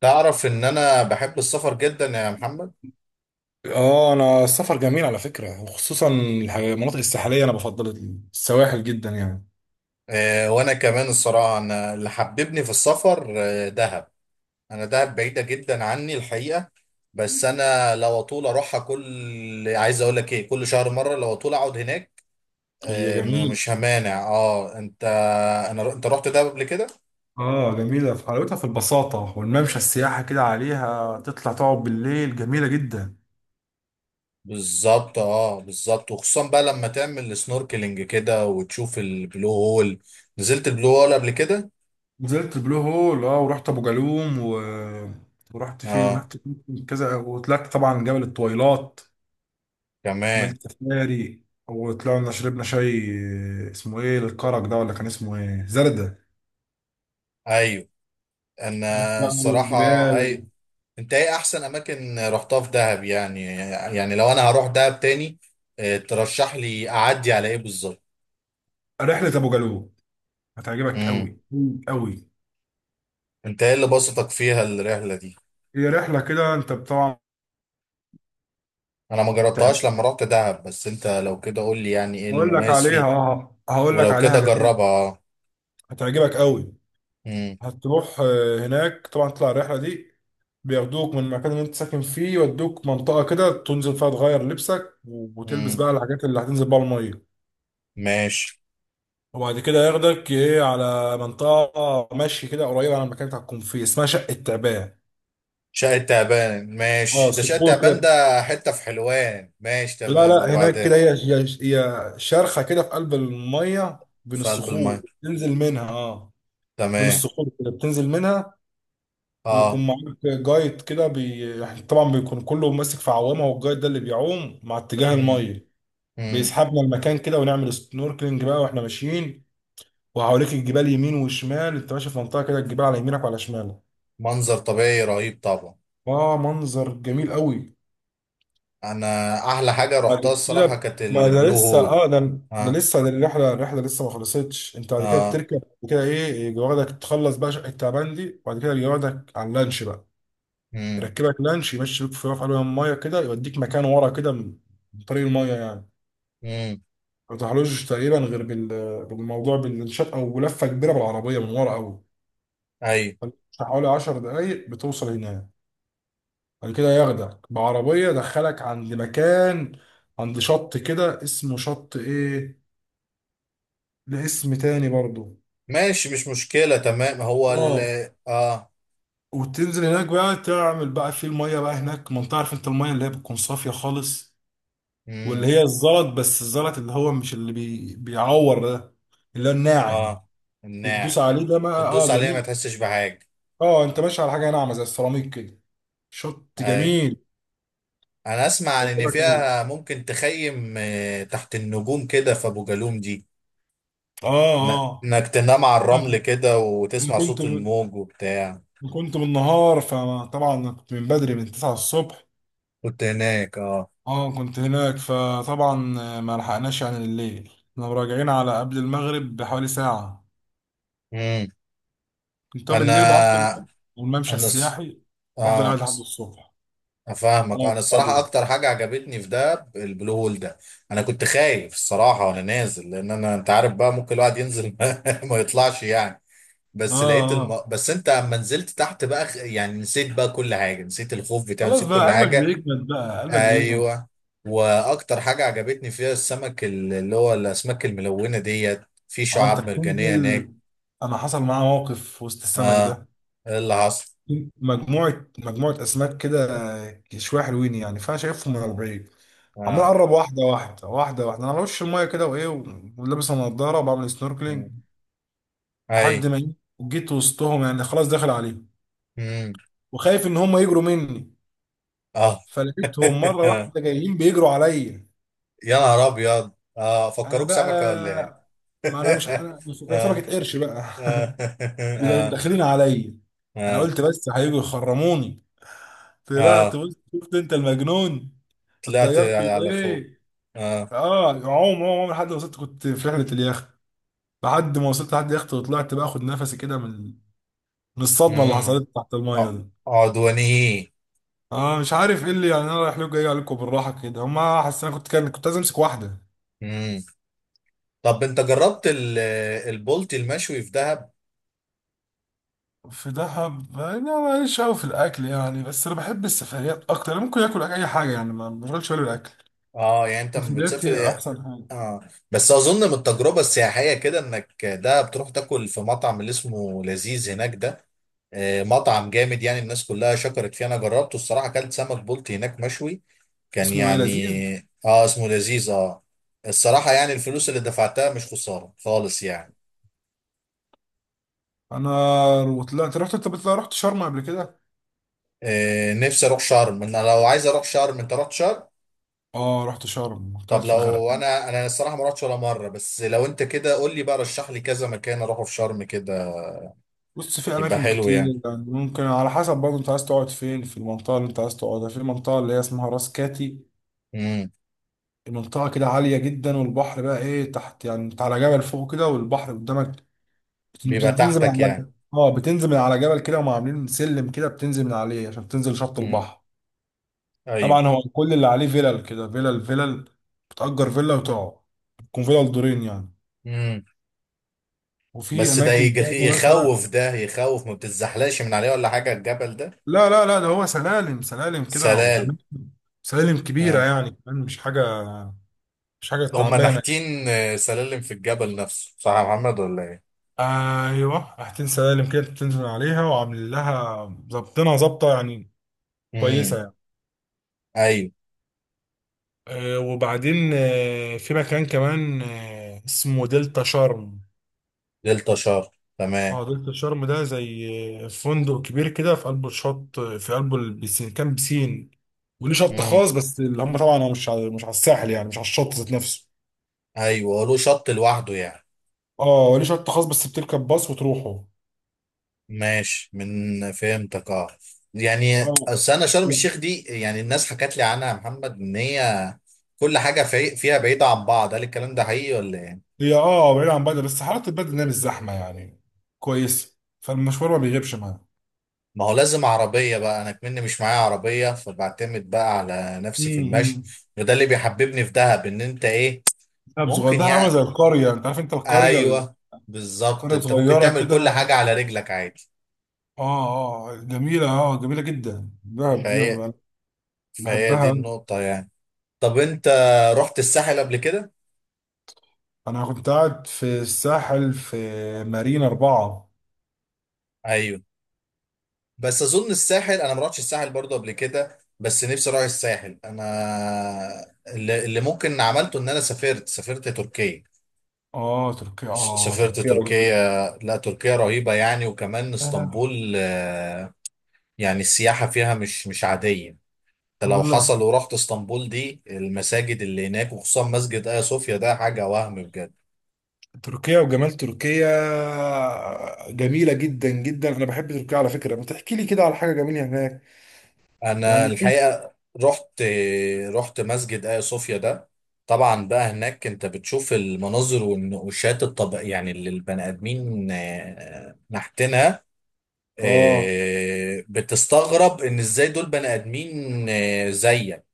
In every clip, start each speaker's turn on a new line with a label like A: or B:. A: تعرف ان انا بحب السفر جدا يا محمد؟
B: اه، انا السفر جميل على فكره، وخصوصا المناطق الساحليه، انا بفضل السواحل جدا يعني.
A: آه، وانا كمان الصراحه، انا اللي حببني في السفر دهب. انا، دهب بعيده جدا عني الحقيقه. بس انا لو اطول اروحها، عايز اقول لك ايه، كل شهر مره، لو اطول اقعد هناك.
B: هي
A: آه،
B: جميل،
A: مش همانع. اه انت، انت رحت دهب قبل كده؟
B: اه جميله في حلاوتها، في البساطه، والممشى السياحه كده عليها تطلع تقعد بالليل جميله جدا.
A: بالظبط، بالظبط، وخصوصا بقى لما تعمل سنوركلينج كده وتشوف البلو هول. نزلت البلو هول قبل كده؟
B: نزلت البلو هول، اه، ورحت ابو جالوم ورحت فين
A: اه.
B: رحت فين؟ كذا، وطلعت طبعا جبل الطويلات.
A: كمان.
B: عملت سفاري، وطلعنا شربنا شاي، اسمه ايه الكرك ده، ولا كان اسمه ايه، زردة؟
A: ايوه. انا
B: رحت بقى
A: الصراحه.
B: والجبال.
A: هاي. انت ايه احسن اماكن رحتها في دهب يعني؟ يعني لو انا هروح دهب تاني، ترشح لي اعدي على ايه بالظبط؟
B: رحلة أبو جالوم هتعجبك
A: امم.
B: قوي. قوي.
A: انت ايه اللي بسطك فيها الرحله دي؟
B: هي رحله كده انت طبعا.
A: انا ما
B: تعب.
A: جربتهاش لما رحت دهب، بس انت لو كده قول لي، يعني ايه المميز فيه؟
B: هقول لك
A: ولو
B: عليها،
A: كده
B: جميل.
A: جربها.
B: هتعجبك قوي.
A: امم.
B: هتروح هناك طبعا تطلع الرحله دي. بياخدوك من المكان اللي انت ساكن فيه، يودوك منطقه كده تنزل فيها تغير لبسك، وتلبس
A: امم
B: بقى الحاجات اللي هتنزل بقى الميه.
A: ماشي.
B: وبعد كده ياخدك ايه على منطقه مشي كده قريبه على المكان اللي هتكون فيه، اسمها شقه تعبان.
A: شقة تعبان
B: اه،
A: ماشي، ده شقة
B: صخور
A: تعبان
B: كده.
A: ده حتة في حلوان، ماشي
B: لا
A: تمام،
B: لا، هناك
A: وبعدين؟
B: كده هي شرخة كده في قلب المية بين
A: في قلب
B: الصخور.
A: الماء.
B: تنزل منها، اه. بين
A: تمام.
B: الصخور كده بتنزل منها.
A: اه.
B: ويكون معاك جايد كده يعني طبعا بيكون كله ماسك في عوامة، والجايد ده اللي بيعوم مع اتجاه المية.
A: امم.
B: بيسحبنا المكان كده، ونعمل سنوركلينج بقى واحنا ماشيين. وحواليك الجبال يمين وشمال، انت ماشي في منطقة كده الجبال على يمينك وعلى شمالك.
A: منظر طبيعي رهيب طبعا.
B: اه، منظر جميل قوي.
A: انا احلى حاجه
B: بعد
A: رحتها الصراحه
B: كده،
A: كانت
B: ما ده
A: البلو
B: لسه،
A: هول.
B: ده
A: اه.
B: لسه ده الرحله لسه ما خلصتش، انت بعد كده
A: اه.
B: بتركب وكده ايه، يجي واخدك تخلص بقى شقه تعبان دي، وبعد كده يجي واخدك على اللانش بقى.
A: امم.
B: يركبك لانش يمشي بيك في رفع علوها الميه كده، يوديك مكان ورا كده، من طريق الميه يعني.
A: امم.
B: ما تروحلوش تقريبا غير بالموضوع، بالشقه، او لفه كبيره بالعربيه من ورا قوي.
A: ايوه.
B: حوالي 10 دقايق بتوصل هناك. بعد كده ياخدك بعربيه دخلك عند مكان، عند شط كده اسمه شط ايه، لاسم تاني برضه.
A: ماشي مش مشكله تمام. هو ال
B: اه،
A: اه.
B: وتنزل هناك بقى تعمل بقى في الميه بقى هناك، ما انت عارف انت الميه اللي هي بتكون صافيه خالص. واللي
A: امم.
B: هي الزلط، بس الزلط اللي هو مش اللي بيعور ده، اللي هو الناعم.
A: اه.
B: بتدوس
A: الناعم.
B: عليه ده بقى، اه،
A: تدوس عليها ما
B: جميل.
A: تحسش بحاجه.
B: اه، انت ماشي على حاجه ناعمه زي السيراميك كده. شط
A: اي.
B: جميل.
A: انا اسمع عن ان
B: يعجبك أوي.
A: فيها ممكن تخيم تحت النجوم كده في ابو جالوم دي.
B: اه، اه.
A: انك تنام على الرمل كده
B: انا
A: وتسمع صوت الموج وبتاع.
B: كنت بالنهار، فطبعا كنت من بدري من 9 الصبح.
A: كنت هناك. اه.
B: اه، كنت هناك، فطبعا ما لحقناش يعني الليل، احنا راجعين على قبل المغرب بحوالي ساعة.
A: امم.
B: كنت، طب الليل بقى افضل.
A: انا
B: والممشى
A: انا الص-
B: السياحي. افضل قاعد
A: اه.
B: لحد الصبح. انا
A: افهمك، انا الصراحه،
B: واصحابي.
A: اكتر حاجه عجبتني في ده البلو هول ده. انا كنت خايف الصراحه وانا نازل، لان انت عارف بقى ممكن الواحد ينزل ما يطلعش يعني.
B: اه، اه.
A: بس انت اما نزلت تحت بقى، يعني نسيت بقى كل حاجه، نسيت الخوف بتاعه،
B: خلاص
A: نسيت
B: بقى،
A: كل
B: قلبك
A: حاجه.
B: بيجمد بقى، قلبك بيجمد.
A: ايوه. واكتر حاجه عجبتني فيها السمك، اللي هو الاسماك الملونه ديت، في
B: اه، انت
A: شعاب مرجانيه
B: بتنزل.
A: هناك.
B: انا حصل معايا موقف في وسط السمك
A: اه.
B: ده.
A: إيه اللي حصل؟
B: مجموعة مجموعة اسماك كده، شوية حلوين يعني، فانا شايفهم من البعيد. عمال
A: اه.
B: اقرب، واحدة واحدة واحدة واحدة، انا على وش المية كده وايه، ولابس النضارة وبعمل سنوركلينج. لحد
A: اي.
B: ما جيت وسطهم يعني خلاص داخل عليهم،
A: امم.
B: وخايف ان هم يجروا مني.
A: اه.
B: فلقيتهم مره واحده جايين بيجروا عليا.
A: يا نهار ابيض. اه،
B: انا
A: فكروك
B: بقى،
A: سمكه ولا ايه؟
B: ما انا مش، كان
A: اه.
B: سمكه قرش بقى
A: اه. اه.
B: داخلين عليا. انا
A: اه.
B: قلت بس هيجوا يخرموني. طلعت
A: اه.
B: بص، شفت انت المجنون.
A: طلعت
B: اتضيرت.
A: على فوق.
B: ايه.
A: اه.
B: اه، عوم عوم عوم لحد ما وصلت، كنت في رحله اليخت. لحد ما وصلت لحد اليخت، وطلعت بقى اخد نفسي كده، من من الصدمه اللي
A: امم.
B: حصلت تحت الميه
A: ع-
B: دي.
A: عدواني.
B: اه، مش عارف ايه اللي يعني انا رايح له، جاي عليكم بالراحه كده، هما حاسس انا كنت عايز امسك واحده.
A: امم. طب انت جربت البولتي المشوي في دهب؟
B: في دهب يعني انا ماليش قوي في الاكل يعني، بس انا بحب السفريات اكتر، انا ممكن اكل اي حاجه يعني، ما بشغلش بالي بالاكل.
A: اه، يعني انت لما
B: السفريات هي
A: بتسافر.
B: احسن حاجه.
A: اه. بس اظن من التجربه السياحيه كده انك ده بتروح تاكل في مطعم اللي اسمه لذيذ هناك ده. مطعم جامد، يعني الناس كلها شكرت فيه، انا جربته الصراحه اكلت سمك بلطي هناك مشوي. كان
B: اسمه ايه، لذيذ؟
A: يعني اسمه لذيذ. اه، الصراحه يعني الفلوس اللي دفعتها مش خساره خالص يعني.
B: انا طلعت رحت، رحت شرم قبل كده؟
A: آه، نفسي اروح شرم. انا لو عايز اروح شرم، انت رحت شرم؟
B: اه، رحت شرم، كنت قاعد
A: طب
B: في
A: لو
B: الغرقان.
A: انا، الصراحه ما رحتش ولا مره، بس لو انت كده قول لي بقى، رشح لي كذا مكان اروحه في شرم كده،
B: بص، في
A: يبقى
B: اماكن
A: حلو.
B: كتير. يعني ممكن على حسب برضه، انت عايز تقعد فين، في المنطقه اللي انت عايز تقعدها، في المنطقه اللي هي اسمها راس كاتي.
A: يعني.
B: المنطقة كده عالية جدا، والبحر بقى ايه تحت يعني، انت على جبل فوق كده والبحر قدامك.
A: بيبقى
B: بتنزل من
A: تحتك
B: على
A: يعني.
B: جبل، بتنزل من على جبل كده، وهم عاملين سلم كده بتنزل من عليه عشان تنزل شط
A: امم.
B: البحر.
A: ايوه.
B: طبعا هو كل اللي عليه فيلل كده، فيلل فيلل. بتأجر فيلا وتقعد. تكون فيلل دورين يعني.
A: امم.
B: وفي
A: بس ده
B: أماكن تانية مثلا.
A: يخوف، ده يخوف، ما بتتزحلقش من عليه ولا حاجه الجبل ده؟
B: لا لا لا، ده هو سلالم سلالم كده
A: سلال.
B: وأماكن. سلالم كبيرة
A: آه.
B: يعني كمان، مش حاجة. مش حاجة
A: هم
B: تعبانة.
A: نحتين، سلالم في الجبل نفسه صح يا محمد ولا ايه؟
B: ايوه، حاجتين سلالم كده بتنزل عليها وعاملين لها. ظابطينها ظابطه يعني. كويسة
A: امم.
B: يعني.
A: ايوه.
B: وبعدين في مكان كمان، اسمه دلتا شرم.
A: دلتا شار. تمام.
B: اه، دلتا شرم ده زي، فندق كبير كده في قلب الشط، في قلب البسين كان بسين. وليه شط
A: امم.
B: خاص، بس اللي هم طبعا هو مش على الساحل يعني، مش على الشط ذات نفسه.
A: ايوه، هو له شط لوحده يعني.
B: اه، وليه شط خاص بس بتركب باص وتروحه.
A: ماشي، من فهمتك اه. يعني
B: اه،
A: اصل انا شرم الشيخ دي، يعني الناس حكت لي عنها يا محمد ان هي كل حاجه فيها بعيده عن بعض، هل الكلام ده حقيقي ولا ايه؟
B: هي بعيد عن بدر، بس حالات البدر إنها مش زحمة يعني. كويسة، فالمشوار ما بيغيبش معاها.
A: ما هو لازم عربية بقى، أنا كمني مش معايا عربية، فبعتمد بقى على نفسي في المشي.
B: امم.
A: وده اللي بيحببني في دهب، إن أنت إيه،
B: دهب صغير،
A: ممكن
B: دهب عامله
A: يعني.
B: زي القريه، انت عارف انت القريه.
A: أيوه، بالظبط،
B: قرية
A: أنت ممكن
B: صغيرة
A: تعمل كل
B: كده.
A: حاجة على رجلك عادي.
B: اه، اه، جميلة، جميلة جدا دهب دي
A: فهي
B: أنا.
A: فهي دي
B: بحبها أوي.
A: النقطة يعني. طب أنت رحت الساحل قبل كده؟
B: انا كنت قاعد في الساحل، في مارينا 4.
A: أيوه. بس أظن الساحل أنا ما رحتش الساحل برضه قبل كده، بس نفسي أروح الساحل أنا. اللي ممكن عملته إن أنا سافرت تركيا.
B: اه، تركيا
A: سافرت
B: تركيا والجمال
A: تركيا.
B: دي.
A: لا، تركيا رهيبة يعني، وكمان
B: آه.
A: اسطنبول. آه، يعني السياحة فيها مش عادية. انت
B: أنا
A: لو
B: بقول لك،
A: حصل ورحت اسطنبول دي، المساجد اللي هناك وخصوصا مسجد آيا صوفيا ده حاجة وهم بجد.
B: تركيا وجمال تركيا، جميلة جدا جدا. انا بحب تركيا على فكرة، ما تحكي لي كده على حاجة جميلة هناك.
A: انا
B: يعني إيه؟
A: الحقيقة رحت رحت مسجد آيا صوفيا ده. طبعا بقى هناك انت بتشوف المناظر والنقوشات الطب، يعني اللي البني ادمين نحتينها.
B: اه،
A: بتستغرب ان ازاي دول بني ادمين زيك.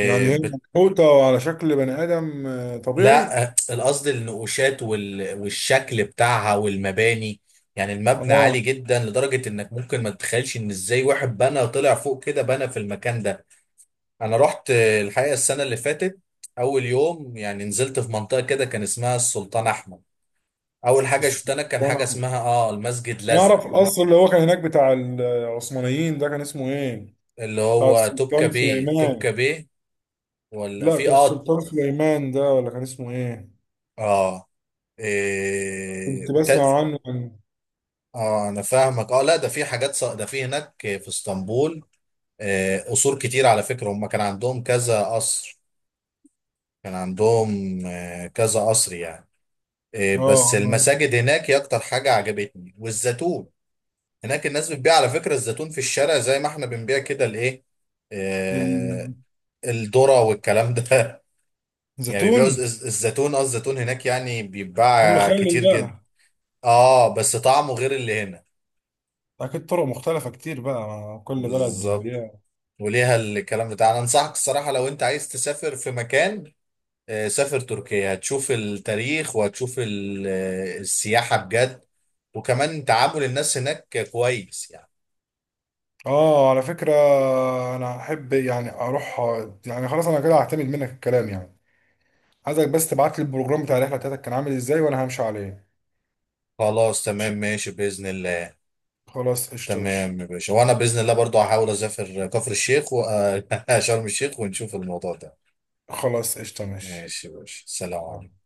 B: يعني هي
A: بت...
B: منحوتة على شكل بني آدم
A: لا،
B: طبيعي.
A: القصد النقوشات والشكل بتاعها والمباني. يعني المبنى
B: اه،
A: عالي جدا لدرجة انك ممكن ما تتخيلش ان ازاي واحد بنى، طلع فوق كده بنى في المكان ده. انا رحت الحقيقة السنة اللي فاتت. اول يوم يعني نزلت في منطقة كده كان اسمها السلطان احمد. اول حاجة
B: بس
A: شفتها انا كان حاجة اسمها المسجد
B: انا اعرف
A: الازرق.
B: القصر اللي هو كان هناك بتاع العثمانيين ده، كان اسمه ايه؟
A: اللي
B: بتاع
A: هو توبكا
B: السلطان
A: بيه، توبكا
B: سليمان.
A: بيه، ولا
B: لا،
A: في
B: بتاع السلطان سليمان ده ولا كان اسمه ايه؟
A: اه،
B: كنت
A: إيه...
B: بسمع عنه، عن.
A: اه، انا فاهمك. اه، لا، ده في حاجات ده في هناك في اسطنبول. قصور كتير على فكرة، هم كان عندهم كذا قصر. كان عندهم كذا قصر يعني. بس
B: اه،
A: المساجد هناك هي اكتر حاجة عجبتني، والزيتون هناك. الناس بتبيع على فكرة الزيتون في الشارع، زي ما احنا بنبيع كده الايه، آه،
B: ال-
A: الذرة والكلام ده يعني بيبيعوا
B: الزيتون.
A: الزيتون، الزيتون هناك يعني
B: ثم
A: بيتباع
B: مخلل
A: كتير جدا.
B: بقى.
A: اه، بس طعمه غير اللي هنا.
B: اكيد طرق مختلفة كتير، بقى مع كل بلد
A: بالظبط،
B: وليها.
A: وليها الكلام بتاع. انا انصحك الصراحه، لو انت عايز تسافر في مكان، سافر تركيا، هتشوف التاريخ وهتشوف السياحه بجد، وكمان تعامل الناس هناك كويس يعني.
B: اه، على فكرة انا احب يعني اروح، يعني خلاص انا كده هعتمد منك الكلام يعني. عايزك بس تبعت لي البروجرام بتاع الرحلة بتاعتك كان عامل ازاي، وانا همشي عليه.
A: خلاص تمام،
B: ماشي.
A: ماشي باذن الله.
B: خلاص قشطة ماشي.
A: تمام يا باشا، وانا باذن الله برضو هحاول اسافر كفر الشيخ شرم الشيخ، ونشوف الموضوع ده.
B: خلاص قشطة ماشي.
A: ماشي يا باشا، سلام عليكم.
B: آه.